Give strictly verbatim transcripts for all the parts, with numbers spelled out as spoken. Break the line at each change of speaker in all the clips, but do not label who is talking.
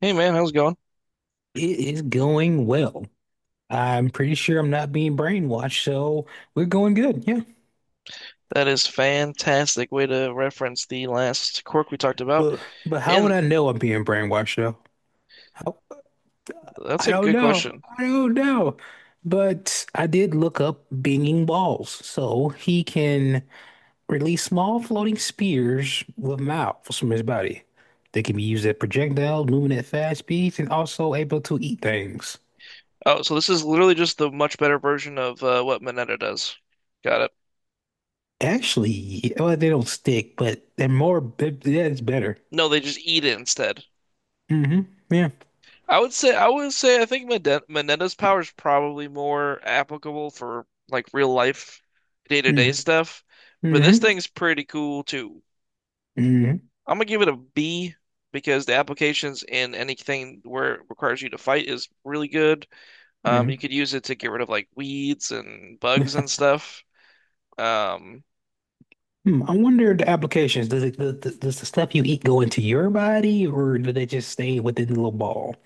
Hey man, how's it going?
It is going well. I'm pretty sure I'm not being brainwashed, so we're going good. Yeah.
That is fantastic way to reference the last quirk we talked about.
But but how would
And
I know I'm being brainwashed though? How,
that's
I
a
don't
good
know.
question.
I don't know. But I did look up Binging Balls. So he can release small floating spears with mouths from his body. They can be used as projectiles, moving at fast speeds, and also able to eat things.
Oh, so this is literally just the much better version of uh, what Mineta does. Got it.
Actually, well, they don't stick, but they're more, that's better.
No, they just eat it instead.
Hmm Yeah.
I would say I would say I think Mine- Mineta's power is probably more applicable for like real life day-to-day
Mm-hmm.
stuff, but this
Mm-hmm.
thing's pretty cool too.
Mm-hmm.
I'm gonna give it a B because the applications in anything where it requires you to fight is really good. Um, you
Mm-hmm.
could use it to get rid of like weeds and bugs and stuff. Um,
Hmm, I wonder the applications. Does it, does, does the stuff you eat go into your body, or do they just stay within the little ball?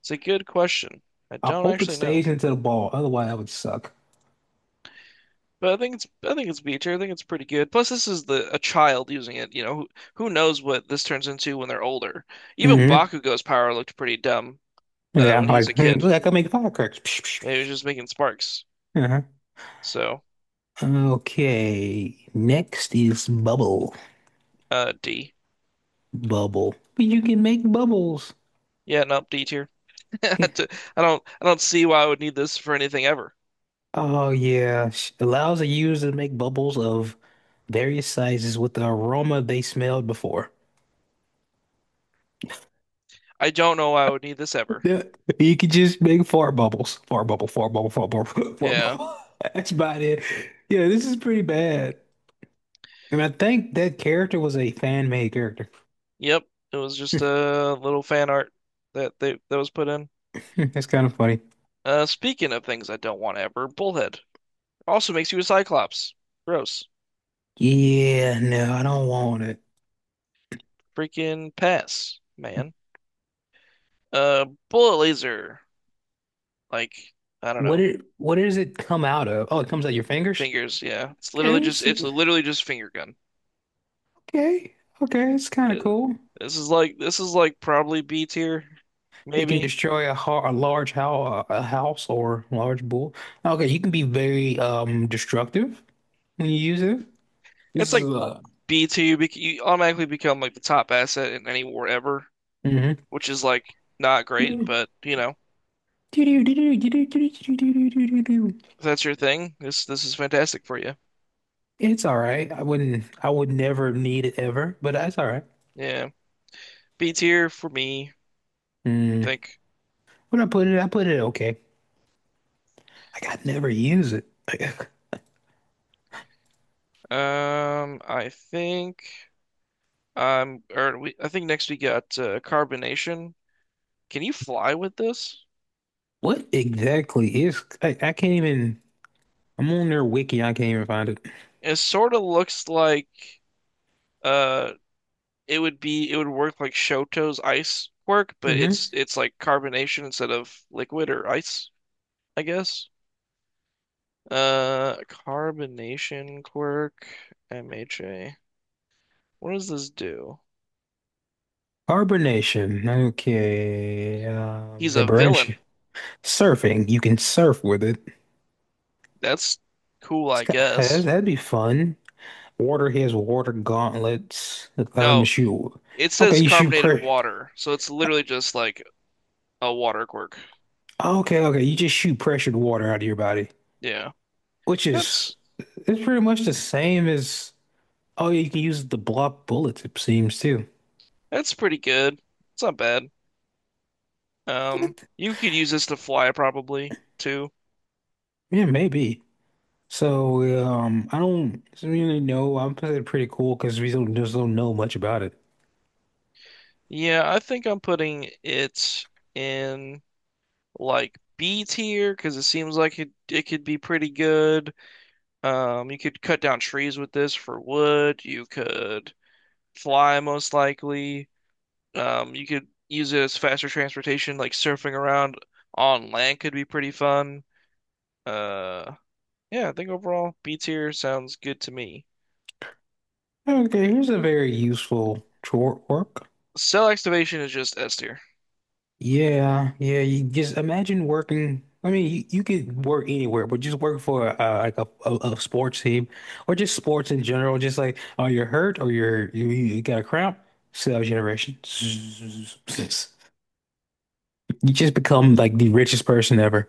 it's a good question. I
I
don't
hope it
actually know,
stays into the ball. Otherwise, that would suck.
but I think it's I think it's B tier. I think it's pretty good. Plus, this is the a child using it. You know, who, who knows what this turns into when they're older? Even
Hmm
Bakugo's power looked pretty dumb uh,
Yeah,
when he was a
like hmm,
kid.
like I make firecrackers. Psh, psh,
Yeah, he was
psh,
just making sparks.
psh.
So,
Uh-huh. Okay. Next is bubble.
uh, D.
Bubble. But you can make bubbles.
Yeah, nope, D tier. I
Ca-
don't I don't see why I would need this for anything ever.
Oh yeah, Sh- allows a user to make bubbles of various sizes with the aroma they smelled before.
I don't know why I would need this ever.
Yeah, you could just make fart bubbles, fart bubble, fart bubble, fart bubble, fart
Yeah.
bubble. That's about it. Yeah, this is pretty bad. And I think that character was a fan-made character.
Yep, it was just a little fan art that they that was put in.
That's kind of funny.
Uh, speaking of things I don't want ever, Bullhead also makes you a Cyclops. Gross.
Yeah, no, I don't want it.
Freaking pass, man. Uh, bullet laser. Like I don't
What
know,
it? What does it come out of? Oh, it comes out your fingers?
fingers. Yeah, it's literally
Okay,
just
it's,
it's literally just finger gun.
okay, okay, it's kind
Uh,
of cool.
this is like this is like probably B tier,
It can
maybe.
destroy a, har a large how a house or large bull. Okay, you can be very um destructive when you use it. This
It's
is
like
uh,
B tier. You, bec- You automatically become like the top asset in any war ever,
mhm.
which is like not great, but you know.
It's
If that's your thing, this this is fantastic for you.
all right. I wouldn't. I would never need it ever, but that's all right.
Yeah. B tier for me, I
Mm.
think.
When I put it, I put it okay. Like I never use it. Like,
Um, I think um or we I think next we got uh, carbonation. Can you fly with this?
what exactly is? I, I can't even. I'm on their wiki. I can't even find it.
It sort of looks like uh it would be it would work like Shoto's ice quirk, but
Hmm
it's it's like carbonation instead of liquid or ice, I guess. Uh carbonation quirk M H A. What does this do?
Carbonation. Okay. Um,
He's a villain.
liberation. Surfing. You can surf with it.
That's cool,
It's
I
got, that's-
guess.
that'd be fun. Water has water gauntlets. Allow them to
Oh,
shoot.
it
Okay,
says
you shoot.
carbonated
Pressure.
water, so it's literally just like a water quirk.
Oh, okay, okay. You just shoot pressured water out of your body,
Yeah,
which is
that's
it's pretty much the same as oh, you can use it to block bullets, it seems too.
that's pretty good. It's not bad. Um,
It-
you could use this to fly probably too.
Yeah, maybe. So um, I don't really know. I'm pretty pretty cool because we don't just don't know much about it.
Yeah, I think I'm putting it in like B tier because it seems like it it could be pretty good. Um, you could cut down trees with this for wood. You could fly most likely. Um, you could use it as faster transportation, like surfing around on land could be pretty fun. Uh, yeah, I think overall B tier sounds good to me.
Okay, here's a very useful tro- work.
Cell activation is just S tier.
Yeah, yeah. You just imagine working. I mean, you, you could work anywhere, but just work for uh, like a, a, a sports team or just sports in general. Just like, oh, you're hurt or you're you, you got a cramp. Cell generation. You just become like the richest person ever.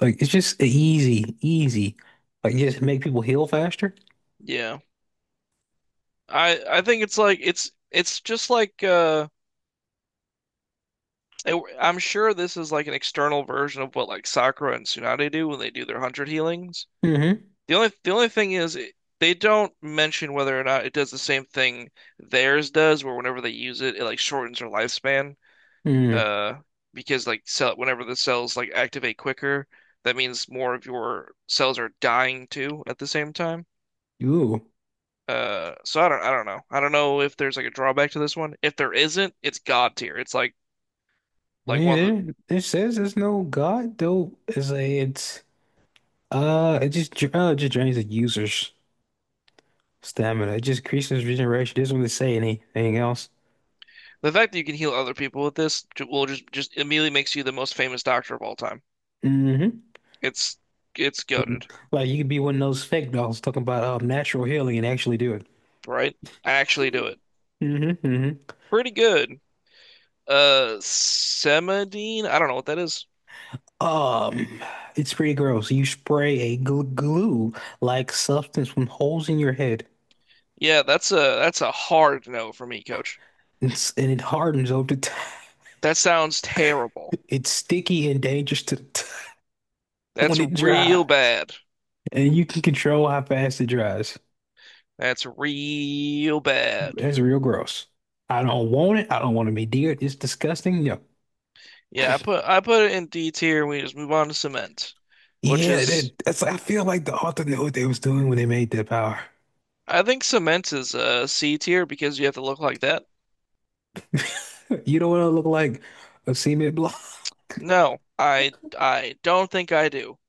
Like it's just easy, easy. Like just make people heal faster.
Yeah. I I think it's like it's it's just like uh it- I'm sure this is like an external version of what like Sakura and Tsunade do when they do their hundred healings.
Mm-hmm.
The only the only thing is it, they don't mention whether or not it does the same thing theirs does, where whenever they use it, it like shortens their lifespan.
Mm.
Uh because like cell whenever the cells like activate quicker, that means more of your cells are dying too at the same time.
Ooh.
Uh so I don't I don't know I don't know if there's like a drawback to this one. If there isn't, it's god tier. It's like
I
like one of the
mean, there, it says there's no God though. It's like it's uh, it just dra- uh, it just drains the users. Stamina. It just increases regeneration. It doesn't really say anything else.
the fact that you can heal other people with this ju- will just just immediately makes you the most famous doctor of all time.
Hmm
It's it's goated.
Like you could be one of those fake dolls talking about um, natural healing and actually do it.
Right, I actually do it.
Hmm hmm
Pretty good. uh Semadine, I don't know what that is.
Um, it's pretty gross. You spray a gl glue-like substance from holes in your head,
Yeah, that's a that's a hard no for me, coach.
it's, and it hardens over time.
That sounds terrible.
It's sticky and dangerous to the touch
That's
when it dries,
real bad.
and you can control how fast it dries.
That's real bad.
That's real gross. I don't want it. I don't want to be near it. It's disgusting. No.
Yeah, I put I put it in D tier. We just move on to cement, which
Yeah,
is
that, that's I feel like the author knew what they was doing when they made that power.
I think cement is uh C tier because you have to look like that.
You don't want to look like a cement block.
No, I I don't think I do.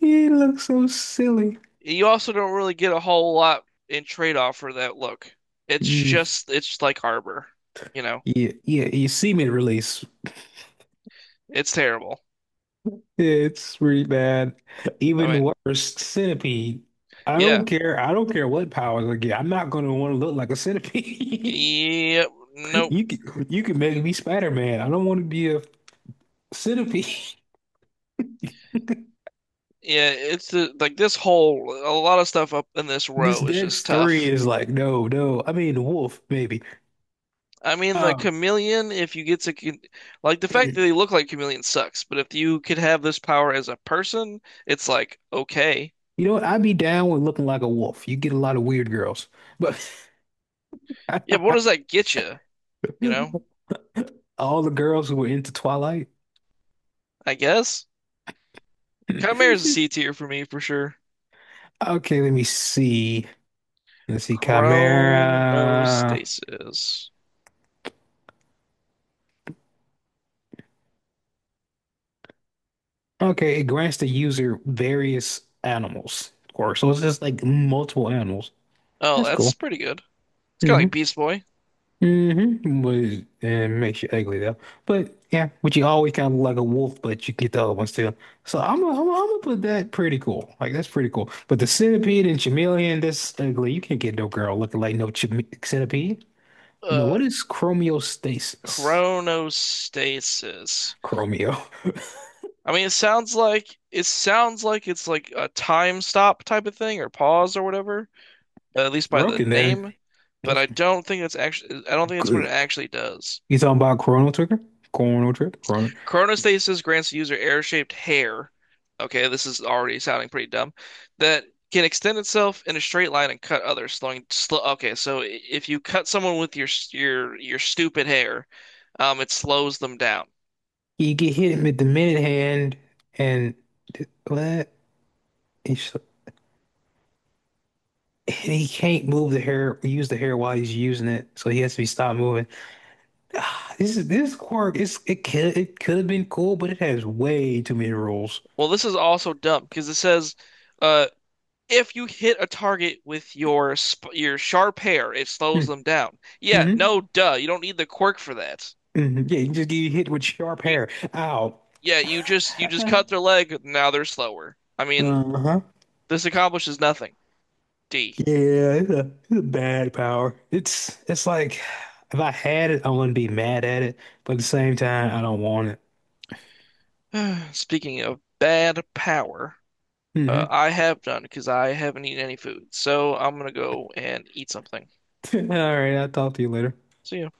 You look so silly.
You also don't really get a whole lot in trade off for that look. It's
Mm,
just it's like Arbor, you know.
yeah, yeah, you cement release.
It's terrible.
Yeah, it's really bad.
I
Even
mean,
worse, centipede. I
yeah.
don't care. I don't care what powers I get. I'm not gonna want to look like a centipede.
Yep. Nope.
You can you can make me Spider-Man. I don't want to be a centipede.
Yeah, it's the, like this whole a lot of stuff up in this
This
row is just
Dex three
tough.
is like, no, no. I mean, wolf, maybe.
I mean, the
Um,
chameleon, if you get to con- like the fact that
You
they look like chameleons sucks, but if you could have this power as a person, it's like okay.
know what? I'd be down with looking like a wolf. You get a lot of weird girls, but
Yeah, but what does that get you? You know,
all the girls who were into Twilight.
I guess Chimera's a C tier for me for sure.
Okay, let me see. Let's see, Chimera.
Chronostasis.
Okay, it grants the user various animals, of course. So it's just like multiple animals.
Oh,
That's
that's
cool.
pretty good. It's kind of like
Mm-hmm.
Beast Boy.
Mm-hmm. Was and makes you ugly though. But yeah, but you always kind of look like a wolf, but you get the other one still. So I'm gonna I'm gonna I'm gonna put that pretty cool. Like that's pretty cool. But the centipede and chameleon, that's ugly. You can't get no girl looking like no chame centipede. No,
Uh,
what is chromostasis?
Chronostasis.
Chromio.
I mean, it sounds like it sounds like it's like a time stop type of thing or pause or whatever, at
It's
least by the
broken then.
name, but
That's
I don't think it's actually I don't think it's what it
good.
actually does.
You talking about Chrono Trigger? Chrono Trigger? Chrono.
Chronostasis grants the user air-shaped hair. Okay, this is already sounding pretty dumb. That can extend itself in a straight line and cut others, slowing slow. Okay, so i- if you cut someone with your your your stupid hair, um, it slows them down.
You get hit with the minute hand and what? And he can't move the hair, use the hair while he's using it, so he has to be stopped moving. Ah, this is this quirk. It's it could it could have been cool, but it has way too many rules.
Well, this is also dumb because it says. Uh, If you hit a target with your sp your sharp hair, it
Hmm.
slows them down. Yeah,
Mm-hmm.
no, duh. You don't need the quirk for that.
hmm Yeah, you just get hit with sharp
You
hair. Ow.
yeah, you just you just
Uh-huh.
cut their leg. Now they're slower. I mean,
Uh-huh.
this accomplishes nothing. D.
Yeah, it's a, it's a bad power. It's it's like if I had it, I wouldn't be mad at it, but at the same time, I don't want it.
Speaking of bad power,
Mm-hmm.
uh, I have done because I haven't eaten any food, so I'm gonna go and eat something.
All right, I'll talk to you later.
See ya.